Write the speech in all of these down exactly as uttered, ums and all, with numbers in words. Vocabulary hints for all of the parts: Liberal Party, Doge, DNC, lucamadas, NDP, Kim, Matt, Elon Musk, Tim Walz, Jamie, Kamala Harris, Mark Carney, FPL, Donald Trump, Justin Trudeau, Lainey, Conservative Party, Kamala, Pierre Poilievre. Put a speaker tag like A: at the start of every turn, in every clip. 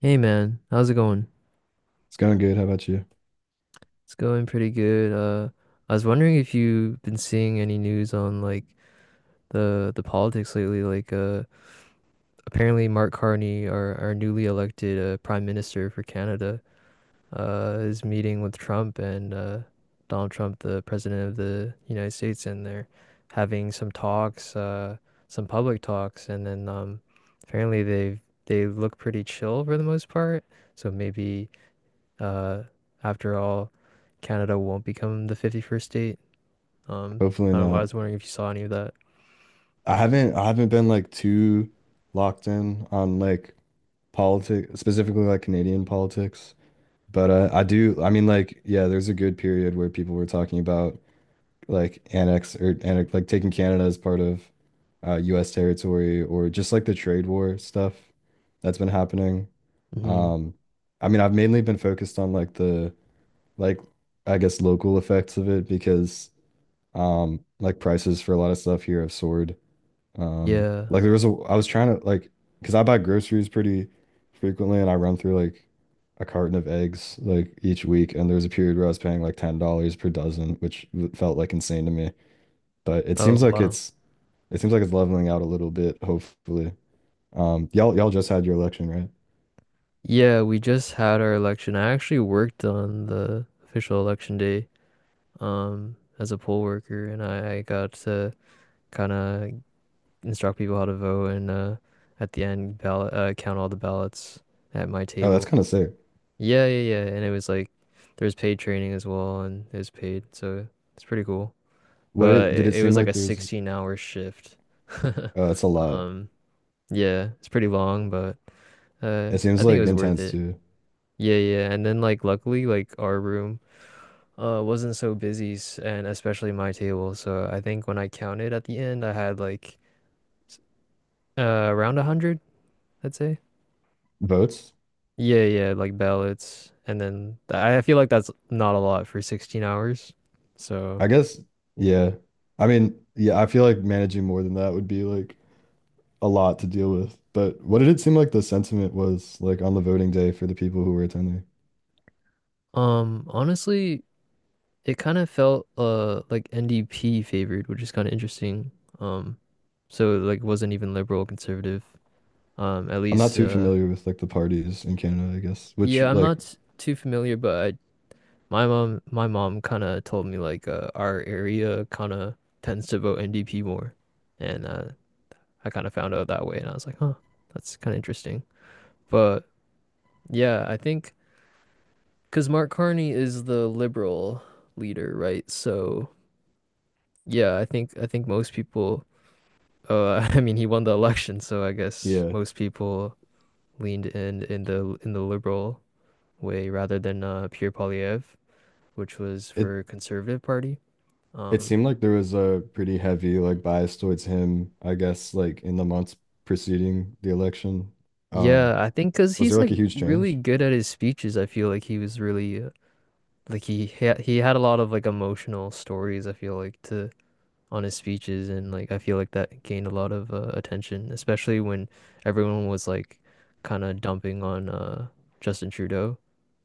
A: Hey man, how's it going?
B: It's going good. How about you?
A: It's going pretty good. Uh, I was wondering if you've been seeing any news on like the the politics lately. Like, uh, apparently Mark Carney, our our newly elected uh, Prime Minister for Canada, uh, is meeting with Trump and uh, Donald Trump, the President of the United States, and they're having some talks, uh, some public talks, and then um, apparently they've they look pretty chill for the most part. So maybe. Uh, After all, Canada won't become the fifty-first state. Um,
B: Hopefully
A: I don't, I
B: not.
A: was wondering if you saw any of that.
B: I haven't I haven't been like too locked in on like politics, specifically like Canadian politics. But uh, I do. I mean, like, yeah, there's a good period where people were talking about like annex or annex like taking Canada as part of uh, U S territory, or just like the trade war stuff that's been happening.
A: Hmm.
B: Um I mean, I've mainly been focused on like the, like, I guess local effects of it, because Um, like prices for a lot of stuff here have soared. Um,
A: Yeah.
B: like there was a, I was trying to, like, because I buy groceries pretty frequently, and I run through like a carton of eggs like each week, and there was a period where I was paying like ten dollars per dozen, which w- felt like insane to me. But it
A: Oh,
B: seems like
A: wow.
B: it's it seems like it's leveling out a little bit, hopefully. Um, y'all y'all just had your election, right?
A: Yeah, we just had our election. I actually worked on the official election day, um, as a poll worker, and I, I got to kind of instruct people how to vote and uh, at the end ballot uh, count all the ballots at my
B: Oh, that's
A: table.
B: kind of sick.
A: Yeah, yeah, yeah. And it was like there was paid training as well, and it was paid, so it's pretty cool.
B: What it
A: but
B: did
A: it,
B: it
A: it
B: seem
A: was like
B: like
A: a
B: there's.
A: sixteen hour shift.
B: Uh, it's a lot.
A: Um, yeah, it's pretty long, but uh,
B: It
A: I
B: seems
A: think it
B: like
A: was worth
B: intense
A: it.
B: too.
A: Yeah, yeah. And then like luckily like our room uh wasn't so busy s- and especially my table. So I think when I counted at the end, I had like s- uh around a hundred, I'd say.
B: Votes?
A: Yeah, yeah, like ballots. And then th- I feel like that's not a lot for sixteen hours. So,
B: I guess, yeah. I mean, yeah, I feel like managing more than that would be like a lot to deal with. But what did it seem like the sentiment was like on the voting day for the people who were attending?
A: um, honestly, it kind of felt uh like N D P favored, which is kind of interesting. Um, so like it wasn't even liberal conservative. Um, at
B: I'm not
A: least
B: too
A: uh
B: familiar with like the parties in Canada, I guess, which,
A: Yeah, I'm
B: like,
A: not s- too familiar, but I, my mom my mom kind of told me like uh, our area kind of tends to vote N D P more, and uh, I kind of found out that way, and I was like, huh, that's kind of interesting. But yeah, I think because Mark Carney is the liberal leader, right? So yeah, I think I think most people. Oh, I mean, he won the election, so I guess
B: yeah,
A: most people leaned in in the in the liberal way rather than uh, Pierre Poilievre, which was
B: it
A: for Conservative Party.
B: it
A: Um,
B: seemed like there was a pretty heavy like bias towards him, I guess, like in the months preceding the election. Um,
A: yeah, I think because
B: was
A: he's
B: there
A: like
B: like a huge
A: really
B: change?
A: good at his speeches. I feel like he was really uh, like he ha he had a lot of like emotional stories. I feel like to on his speeches, and like I feel like that gained a lot of uh, attention, especially when everyone was like kind of dumping on uh, Justin Trudeau.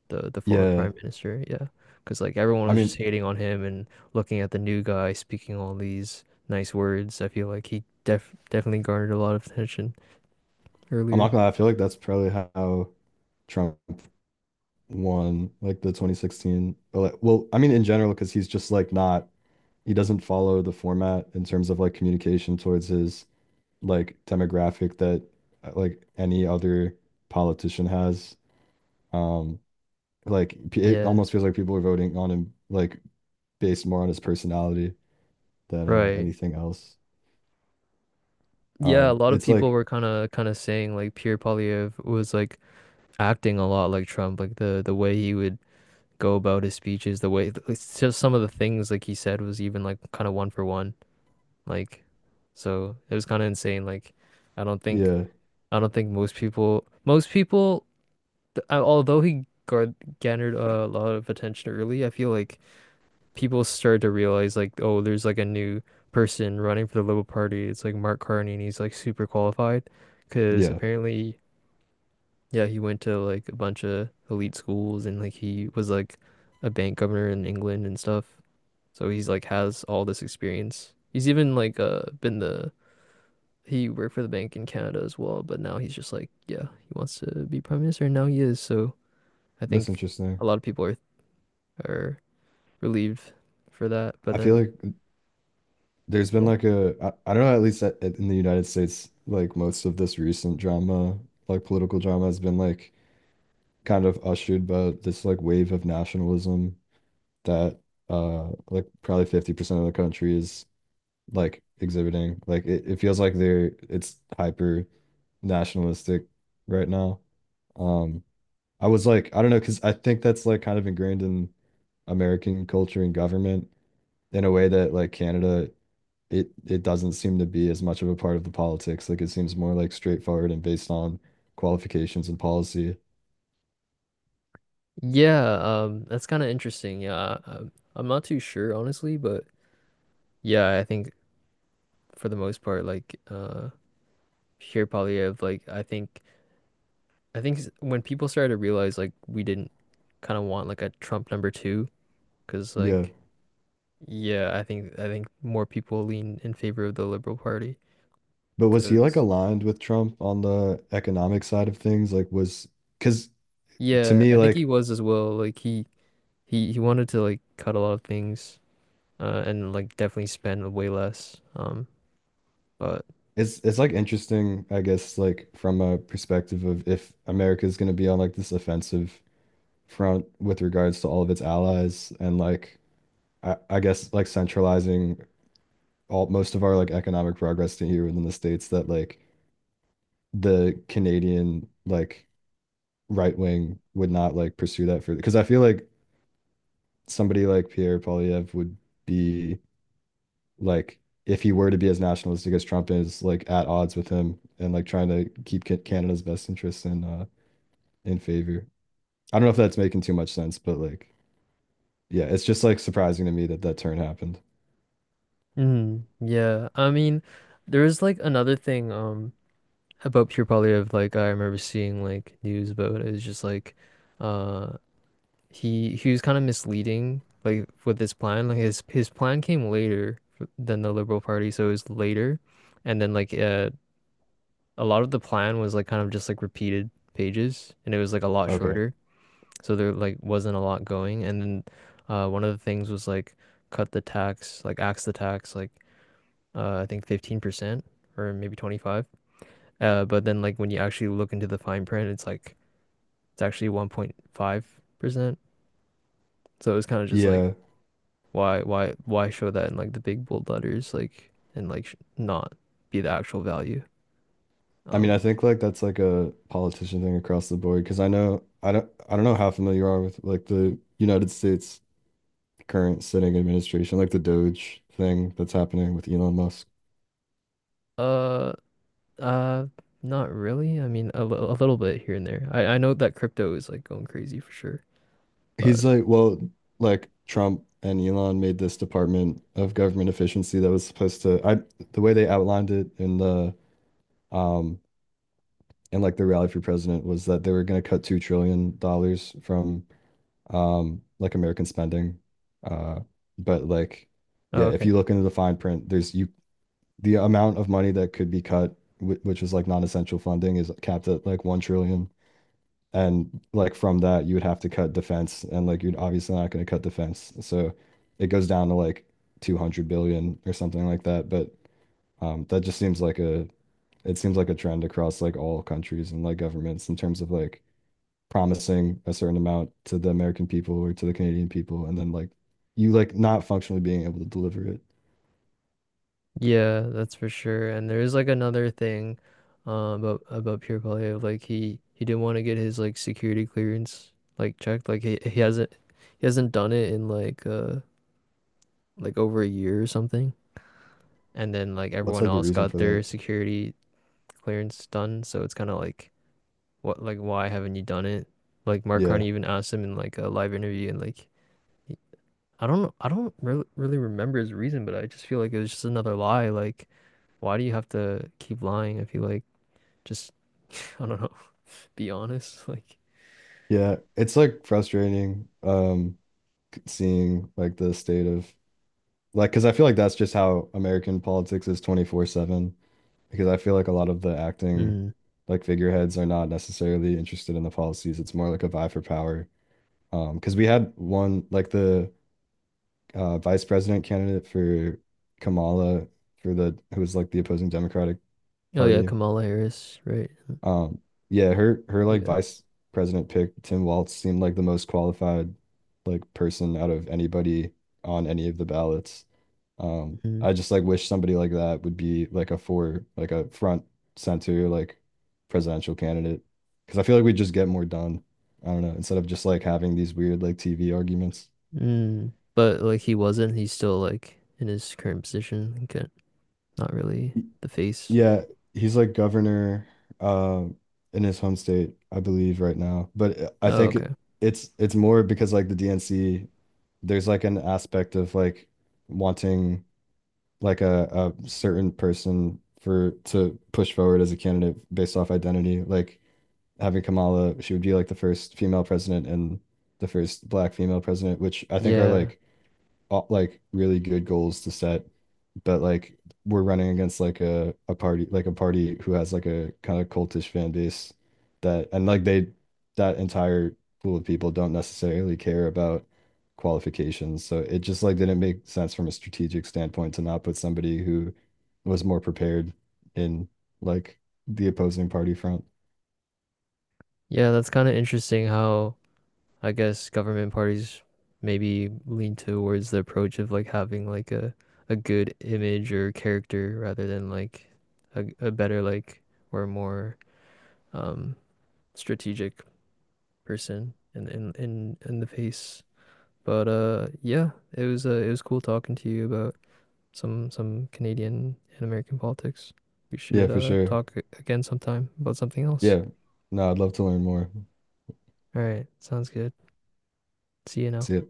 A: the the former
B: Yeah.
A: prime minister. Yeah, because like everyone
B: I
A: was just
B: mean,
A: hating on him and looking at the new guy speaking all these nice words. I feel like he def definitely garnered a lot of attention
B: I'm not
A: earlier.
B: gonna lie, I feel like that's probably how Trump won like the twenty sixteen ele- well, I mean, in general, because he's just like not, he doesn't follow the format in terms of like communication towards his like demographic that uh, like any other politician has. um like p- it
A: Yeah,
B: almost feels like people are voting on him like based more on his personality than uh,
A: right.
B: anything else.
A: Yeah, a
B: Um
A: lot of
B: it's
A: people
B: like,
A: were kind of kind of saying like Pierre Poilievre was like acting a lot like Trump, like the the way he would go about his speeches, the way it's just some of the things like he said was even like kind of one for one, like so it was kind of insane. Like I don't think.
B: yeah,
A: I don't think most people, most people, th- uh, although he gar garnered a lot of attention early, I feel like people started to realize like, oh, there's like a new person running for the Liberal Party. It's like Mark Carney, and he's like super qualified, because
B: yeah,
A: apparently, yeah, he went to like a bunch of elite schools, and like he was like a bank governor in England and stuff. So he's like has all this experience. He's even like uh been the he worked for the bank in Canada as well, but now he's just like, yeah, he wants to be prime minister, and now he is. So I
B: that's
A: think
B: interesting.
A: a lot of people are are relieved for that. But
B: I feel
A: then,
B: like there's been
A: yeah,
B: like a, I, I don't know, at least at, at- in the United States, like most of this recent drama, like political drama, has been like kind of ushered by this like wave of nationalism, that uh like probably fifty percent of the country is like exhibiting, like it, it feels like they're it's hyper nationalistic right now. um I was like, I don't know, because I think that's like kind of ingrained in American culture and government in a way that like Canada, it it doesn't seem to be as much of a part of the politics. Like it seems more like straightforward and based on qualifications and policy.
A: yeah, um, that's kind of interesting. Yeah, um, I'm I'm not too sure honestly, but yeah, I think for the most part, like, uh, here probably have like I think I think s- when people started to realize like we didn't kind of want like a Trump number two, because
B: Yeah.
A: like. Yeah, I think I think more people lean in favor of the Liberal Party.
B: But was he like
A: Cause
B: aligned with Trump on the economic side of things? Like was because, to
A: yeah,
B: me,
A: I think he
B: like
A: was as well. Like he he he wanted to like cut a lot of things, uh, and like definitely spend way less. Um, but
B: it's it's like interesting, I guess, like from a perspective of, if America is going to be on like this offensive front with regards to all of its allies, and like I, I guess like centralizing all most of our like economic progress to here within the states, that like the Canadian like right wing would not like pursue that further, because I feel like somebody like Pierre Poilievre would be like, if he were to be as nationalistic as Trump, is like at odds with him and like trying to keep Ca- Canada's best interests in uh in favor. I don't know if that's making too much sense, but like, yeah, it's just like surprising to me that that turn happened.
A: mm, yeah, I mean, there is like another thing um about Pure Polyev. Like I remember seeing like news about it. It was just like, uh, he he was kind of misleading like with his plan. Like his his plan came later f- than the Liberal Party, so it was later, and then like uh a lot of the plan was like kind of just like repeated pages and it was like a lot
B: Okay.
A: shorter. So there like wasn't a lot going. And then uh one of the things was like cut the tax, like axe the tax like uh I think fifteen percent or maybe twenty-five. Uh but then like when you actually look into the fine print it's like it's actually one point five percent. So it was kind of just like
B: Yeah.
A: why why why show that in like the big bold letters like and like not be the actual value.
B: I mean, I
A: Um
B: think like that's like a politician thing across the board, because I know I don't I don't know how familiar you are with like the United States current sitting administration, like the Doge thing that's happening with Elon Musk.
A: uh Uh, Not really. I mean, a, li- a little bit here and there. I, I know that crypto is like going crazy for sure,
B: He's
A: but
B: like, well, like, Trump and Elon made this Department of Government Efficiency that was supposed to, I, the way they outlined it in the, um, in like the rally for president, was that they were going to cut two trillion dollars from, um, like, American spending. Uh, but like,
A: oh,
B: yeah, if
A: okay.
B: you look into the fine print, there's you, the amount of money that could be cut, wh- which was like non-essential funding, is capped at like one trillion. And like, from that, you would have to cut defense, and like, you're obviously not going to cut defense. So it goes down to like two hundred billion or something like that. But um, that just seems like a, it seems like a trend across like all countries and like governments in terms of like promising a certain amount to the American people or to the Canadian people, and then like, you like not functionally being able to deliver it.
A: Yeah, that's for sure. And there is like another thing, uh, about about Pierre Polyev. Like he he didn't want to get his like security clearance like checked. Like he he hasn't he hasn't done it in like uh like over a year or something. And then like
B: What's
A: everyone
B: like the
A: else
B: reason
A: got
B: for
A: their
B: that?
A: security clearance done. So it's kind of like what like why haven't you done it? Like Mark
B: Yeah.
A: Carney even asked him in like a live interview and like. I don't know. I don't re really remember his reason, but I just feel like it was just another lie. Like, why do you have to keep lying if you like just, I don't know, be honest? Like,
B: Yeah, it's like frustrating, um seeing like the state of. Like, because I feel like that's just how American politics is twenty-four seven. Because I feel like a lot of the acting,
A: mm.
B: like, figureheads, are not necessarily interested in the policies. It's more like a vie for power. Um, because we had one, like the uh, vice president candidate for Kamala, for the who was like the opposing Democratic
A: Oh yeah,
B: Party.
A: Kamala Harris, right?
B: um, yeah, her her like
A: Yeah.
B: vice president pick, Tim Walz, seemed like the most qualified like person out of anybody on any of the ballots. Um,
A: Mm.
B: I just like wish somebody like that would be like a, for like a front center like presidential candidate, because I feel like we just get more done. I don't know, instead of just like having these weird like T V arguments.
A: Mm. But like he wasn't. He's still like in his current position. Like, uh, not really the face.
B: Yeah, he's like governor um in his home state, I believe, right now. But uh, I
A: Oh,
B: think
A: okay.
B: it, it's it's more because like the D N C, there's like an aspect of like wanting like a, a certain person for to push forward as a candidate based off identity. Like having Kamala, she would be like the first female president and the first black female president, which I think are
A: Yeah.
B: like uh, like really good goals to set, but like we're running against like a a party like a party who has like a kind of cultish fan base that, and like they that entire pool of people don't necessarily care about qualifications. So it just like didn't make sense from a strategic standpoint to not put somebody who was more prepared in like the opposing party front.
A: Yeah, that's kind of interesting how. I guess government parties maybe lean towards the approach of like having like a a good image or character rather than like a, a better like or more um strategic person in in in, in the face. But uh yeah, it was uh, it was cool talking to you about some some Canadian and American politics. We
B: Yeah,
A: should
B: for
A: uh
B: sure.
A: talk again sometime about something else.
B: Yeah. No, I'd love to learn more.
A: All right, sounds good. See you now.
B: See ya.